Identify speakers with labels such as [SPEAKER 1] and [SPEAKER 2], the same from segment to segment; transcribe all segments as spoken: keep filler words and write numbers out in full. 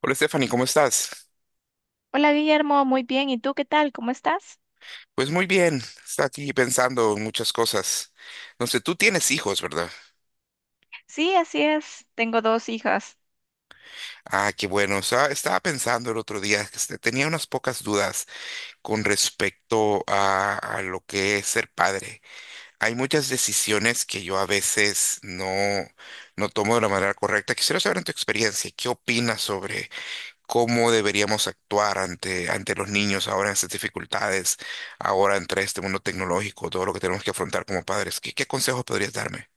[SPEAKER 1] Hola Stephanie, ¿cómo estás?
[SPEAKER 2] Hola Guillermo, muy bien. ¿Y tú qué tal? ¿Cómo estás?
[SPEAKER 1] Pues muy bien, está aquí pensando en muchas cosas. No sé, tú tienes hijos, ¿verdad?
[SPEAKER 2] Sí, así es. Tengo dos hijas.
[SPEAKER 1] Ah, qué bueno. Estaba, estaba pensando el otro día, que este, tenía unas pocas dudas con respecto a, a lo que es ser padre. Hay muchas decisiones que yo a veces no, no tomo de la manera correcta. Quisiera saber en tu experiencia, ¿qué opinas sobre cómo deberíamos actuar ante, ante los niños ahora en estas dificultades, ahora entre este mundo tecnológico, todo lo que tenemos que afrontar como padres? ¿Qué, qué consejos podrías darme?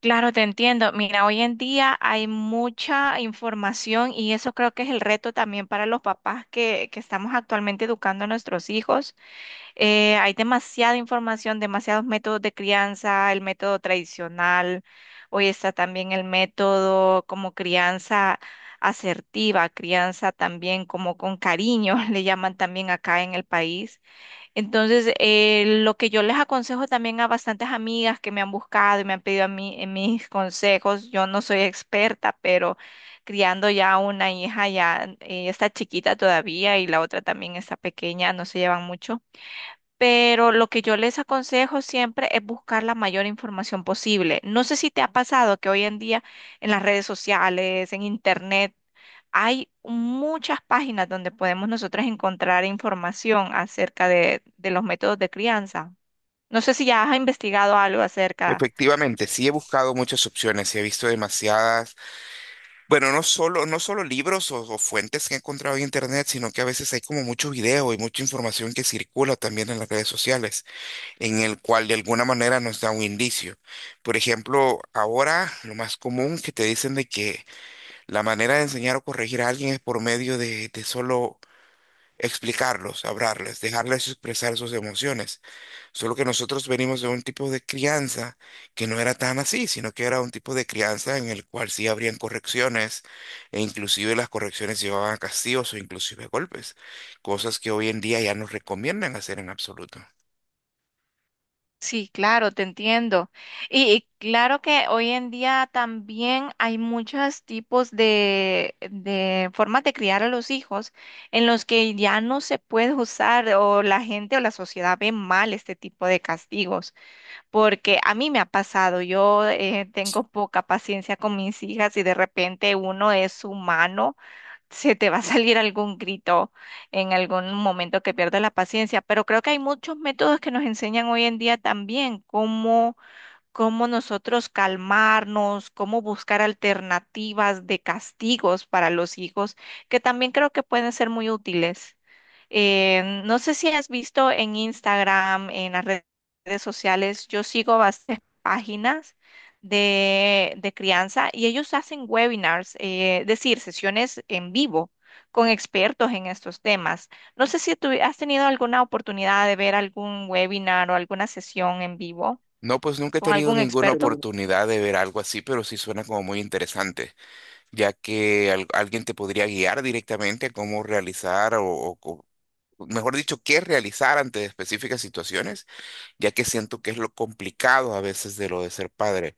[SPEAKER 2] Claro, te entiendo. Mira, hoy en día hay mucha información y eso creo que es el reto también para los papás que, que estamos actualmente educando a nuestros hijos. Eh, hay demasiada información, demasiados métodos de crianza, el método tradicional. Hoy está también el método como crianza asertiva, crianza también como con cariño, le llaman también acá en el país. Entonces, eh, lo que yo les aconsejo también a bastantes amigas que me han buscado y me han pedido a mí, eh, mis consejos, yo no soy experta, pero criando ya una hija, ya eh, está chiquita todavía y la otra también está pequeña, no se llevan mucho. Pero lo que yo les aconsejo siempre es buscar la mayor información posible. No sé si te ha pasado que hoy en día en las redes sociales, en internet, hay muchas páginas donde podemos nosotras encontrar información acerca de, de los métodos de crianza. No sé si ya has investigado algo acerca.
[SPEAKER 1] Efectivamente, sí he buscado muchas opciones y he visto demasiadas, bueno, no solo, no solo libros o, o fuentes que he encontrado en internet, sino que a veces hay como mucho video y mucha información que circula también en las redes sociales, en el cual de alguna manera nos da un indicio. Por ejemplo, ahora lo más común que te dicen de que la manera de enseñar o corregir a alguien es por medio de, de solo explicarlos, hablarles, dejarles expresar sus emociones. Solo que nosotros venimos de un tipo de crianza que no era tan así, sino que era un tipo de crianza en el cual sí habrían correcciones e inclusive las correcciones llevaban a castigos o inclusive golpes, cosas que hoy en día ya no recomiendan hacer en absoluto.
[SPEAKER 2] Sí, claro, te entiendo. Y, y claro que hoy en día también hay muchos tipos de, de formas de criar a los hijos en los que ya no se puede usar o la gente o la sociedad ve mal este tipo de castigos. Porque a mí me ha pasado, yo eh, tengo poca paciencia con mis hijas y de repente uno es humano, se te va a salir algún grito en algún momento que pierdas la paciencia, pero creo que hay muchos métodos que nos enseñan hoy en día también cómo cómo nosotros calmarnos, cómo buscar alternativas de castigos para los hijos, que también creo que pueden ser muy útiles. Eh, no sé si has visto en Instagram, en las redes sociales, yo sigo bastantes páginas de, de crianza y ellos hacen webinars, eh, es decir, sesiones en vivo con expertos en estos temas. No sé si tú has tenido alguna oportunidad de ver algún webinar o alguna sesión en vivo.
[SPEAKER 1] No, pues nunca he
[SPEAKER 2] ¿Con
[SPEAKER 1] tenido
[SPEAKER 2] algún
[SPEAKER 1] ninguna
[SPEAKER 2] experto? Pero
[SPEAKER 1] oportunidad de ver algo así, pero sí suena como muy interesante. Ya que al- alguien te podría guiar directamente a cómo realizar o, o- o, mejor dicho, qué realizar ante específicas situaciones, ya que siento que es lo complicado a veces de lo de ser padre,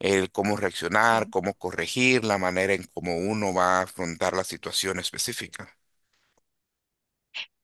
[SPEAKER 1] el cómo reaccionar,
[SPEAKER 2] sí.
[SPEAKER 1] cómo corregir, la manera en cómo uno va a afrontar la situación específica.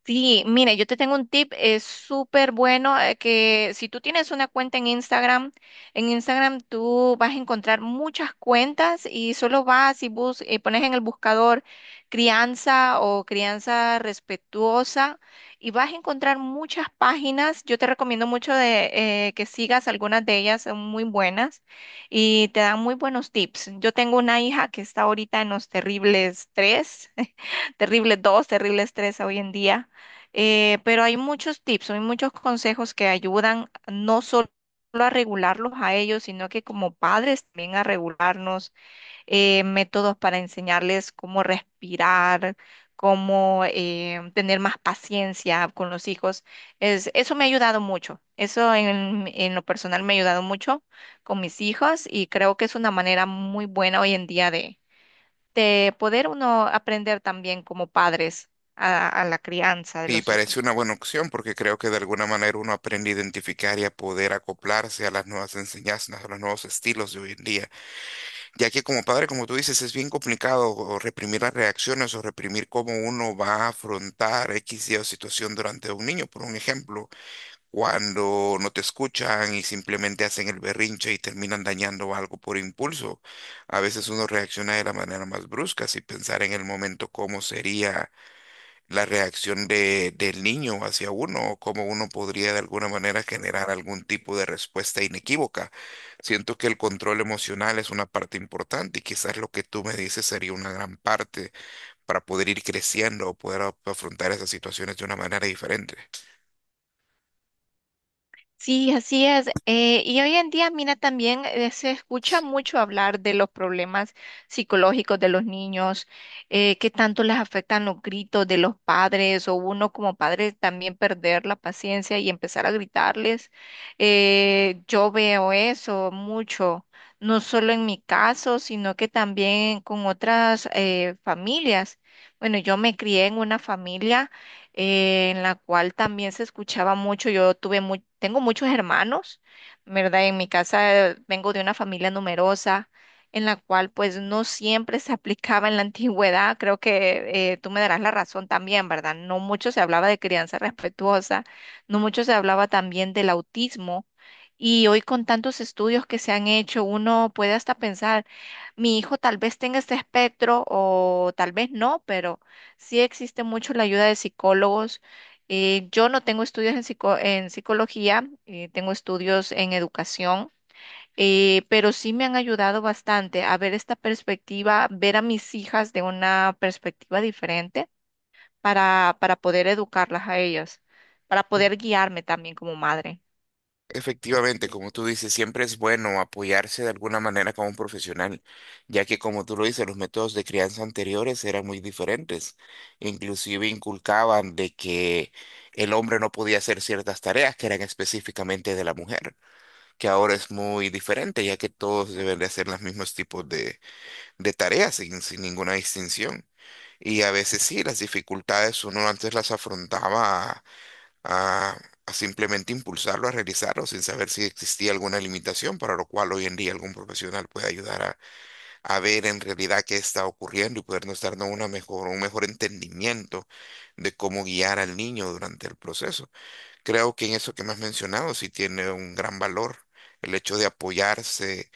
[SPEAKER 2] Sí, mire, yo te tengo un tip, es súper bueno, eh, que si tú tienes una cuenta en Instagram, en Instagram tú vas a encontrar muchas cuentas y solo vas y bus eh, pones en el buscador crianza o crianza respetuosa y vas a encontrar muchas páginas. Yo te recomiendo mucho de eh, que sigas algunas de ellas, son muy buenas y te dan muy buenos tips. Yo tengo una hija que está ahorita en los terribles tres, terribles dos, terribles tres hoy en día, eh, pero hay muchos tips, hay muchos consejos que ayudan no solo a regularlos a ellos, sino que como padres también a regularnos, eh, métodos para enseñarles cómo respirar, cómo eh, tener más paciencia con los hijos. Es, eso me ha ayudado mucho, eso en, en lo personal me ha ayudado mucho con mis hijos y creo que es una manera muy buena hoy en día de, de poder uno aprender también como padres a a la crianza de
[SPEAKER 1] Y
[SPEAKER 2] los
[SPEAKER 1] parece
[SPEAKER 2] hijos.
[SPEAKER 1] una buena opción porque creo que de alguna manera uno aprende a identificar y a poder acoplarse a las nuevas enseñanzas, a los nuevos estilos de hoy en día. Ya que como padre, como tú dices, es bien complicado o reprimir las reacciones o reprimir cómo uno va a afrontar X y o situación durante un niño. Por un ejemplo, cuando no te escuchan y simplemente hacen el berrinche y terminan dañando algo por impulso. A veces uno reacciona de la manera más brusca sin pensar en el momento cómo sería la reacción de, del niño hacia uno, o cómo uno podría de alguna manera generar algún tipo de respuesta inequívoca. Siento que el control emocional es una parte importante y quizás lo que tú me dices sería una gran parte para poder ir creciendo o poder af- afrontar esas situaciones de una manera diferente.
[SPEAKER 2] Sí, así es. Eh, y hoy en día, mira, también eh, se escucha mucho hablar de los problemas psicológicos de los niños, eh, que tanto les afectan los gritos de los padres o uno como padre también perder la paciencia y empezar a gritarles. Eh, yo veo eso mucho, no solo en mi caso, sino que también con otras eh, familias. Bueno, yo me crié en una familia eh, en la cual también se escuchaba mucho. Yo tuve mu- tengo muchos hermanos, ¿verdad? En mi casa eh, vengo de una familia numerosa, en la cual pues no siempre se aplicaba en la antigüedad. Creo que eh, tú me darás la razón también, ¿verdad? No mucho se hablaba de crianza respetuosa, no mucho se hablaba también del autismo. Y hoy con tantos estudios que se han hecho, uno puede hasta pensar, mi hijo tal vez tenga este espectro o tal vez no, pero sí existe mucho la ayuda de psicólogos. Eh, yo no tengo estudios en, psico- en psicología, eh, tengo estudios en educación, eh, pero sí me han ayudado bastante a ver esta perspectiva, ver a mis hijas de una perspectiva diferente para, para poder educarlas a ellas, para poder guiarme también como madre.
[SPEAKER 1] Efectivamente, como tú dices, siempre es bueno apoyarse de alguna manera con un profesional, ya que como tú lo dices, los métodos de crianza anteriores eran muy diferentes. Inclusive inculcaban de que el hombre no podía hacer ciertas tareas que eran específicamente de la mujer, que ahora es muy diferente, ya que todos deben de hacer los mismos tipos de, de tareas sin, sin ninguna distinción. Y a veces sí, las dificultades uno antes las afrontaba a, a simplemente impulsarlo a realizarlo sin saber si existía alguna limitación, para lo cual hoy en día algún profesional puede ayudar a, a ver en realidad qué está ocurriendo y podernos darnos una mejor, un mejor entendimiento de cómo guiar al niño durante el proceso. Creo que en eso que me has mencionado sí tiene un gran valor. El hecho de apoyarse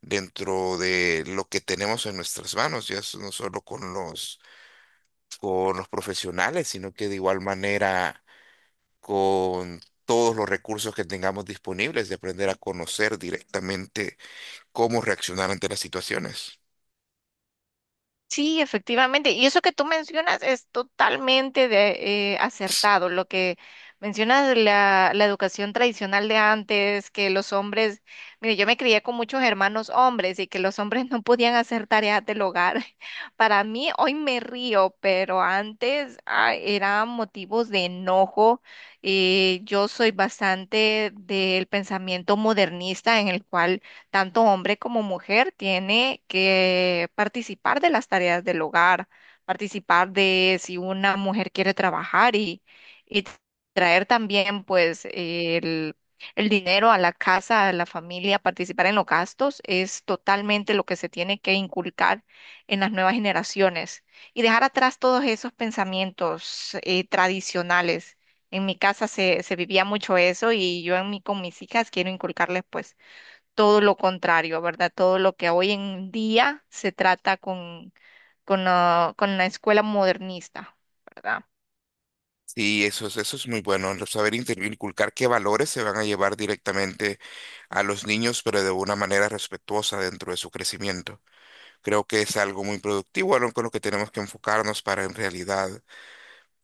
[SPEAKER 1] dentro de lo que tenemos en nuestras manos, ya es no solo con los, con los profesionales, sino que de igual manera con todos los recursos que tengamos disponibles, de aprender a conocer directamente cómo reaccionar ante las situaciones.
[SPEAKER 2] Sí, efectivamente. Y eso que tú mencionas es totalmente de, eh, acertado. Lo que mencionas de la, la educación tradicional de antes, que los hombres, mire, yo me crié con muchos hermanos hombres y que los hombres no podían hacer tareas del hogar. Para mí, hoy me río, pero antes, ah, eran motivos de enojo. Eh, yo soy bastante del pensamiento modernista en el cual tanto hombre como mujer tiene que participar de las tareas del hogar, participar de si una mujer quiere trabajar y, y traer también pues el, el dinero a la casa, a la familia, participar en los gastos, es totalmente lo que se tiene que inculcar en las nuevas generaciones y dejar atrás todos esos pensamientos eh, tradicionales. En mi casa se, se vivía mucho eso y yo en mi, con mis hijas quiero inculcarles pues todo lo contrario, ¿verdad? Todo lo que hoy en día se trata con, con la, con la escuela modernista, ¿verdad?
[SPEAKER 1] Y eso es, eso es muy bueno, el saber inter- inculcar qué valores se van a llevar directamente a los niños, pero de una manera respetuosa dentro de su crecimiento. Creo que es algo muy productivo, algo con lo que tenemos que enfocarnos para en realidad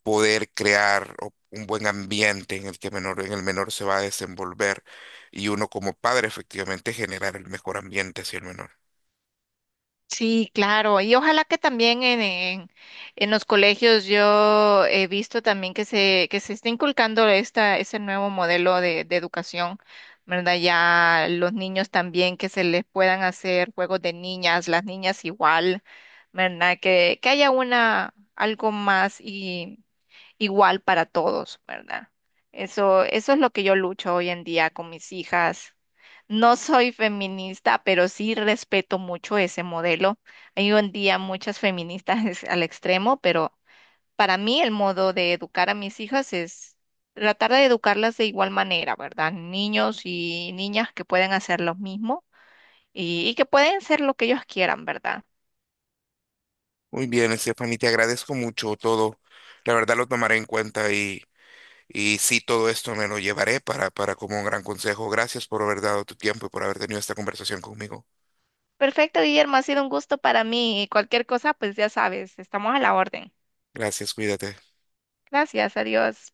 [SPEAKER 1] poder crear o- un buen ambiente en el que menor, en el menor se va a desenvolver y uno como padre efectivamente generar el mejor ambiente hacia el menor.
[SPEAKER 2] Sí, claro. Y ojalá que también en, en, en los colegios yo he visto también que se, que se está inculcando esta, ese nuevo modelo de, de educación, ¿verdad? Ya los niños también que se les puedan hacer juegos de niñas, las niñas igual, ¿verdad? Que, que haya una, algo más y igual para todos, ¿verdad? Eso, eso es lo que yo lucho hoy en día con mis hijas. No soy feminista, pero sí respeto mucho ese modelo. Hay hoy en día muchas feministas, es al extremo, pero para mí el modo de educar a mis hijas es tratar de educarlas de igual manera, ¿verdad? Niños y niñas que pueden hacer lo mismo y, y que pueden ser lo que ellos quieran, ¿verdad?
[SPEAKER 1] Muy bien, Stephanie, te agradezco mucho todo. La verdad lo tomaré en cuenta y, y sí, todo esto me lo llevaré para, para como un gran consejo. Gracias por haber dado tu tiempo y por haber tenido esta conversación conmigo.
[SPEAKER 2] Perfecto, Guillermo, ha sido un gusto para mí y cualquier cosa, pues ya sabes, estamos a la orden.
[SPEAKER 1] Gracias, cuídate.
[SPEAKER 2] Gracias, adiós.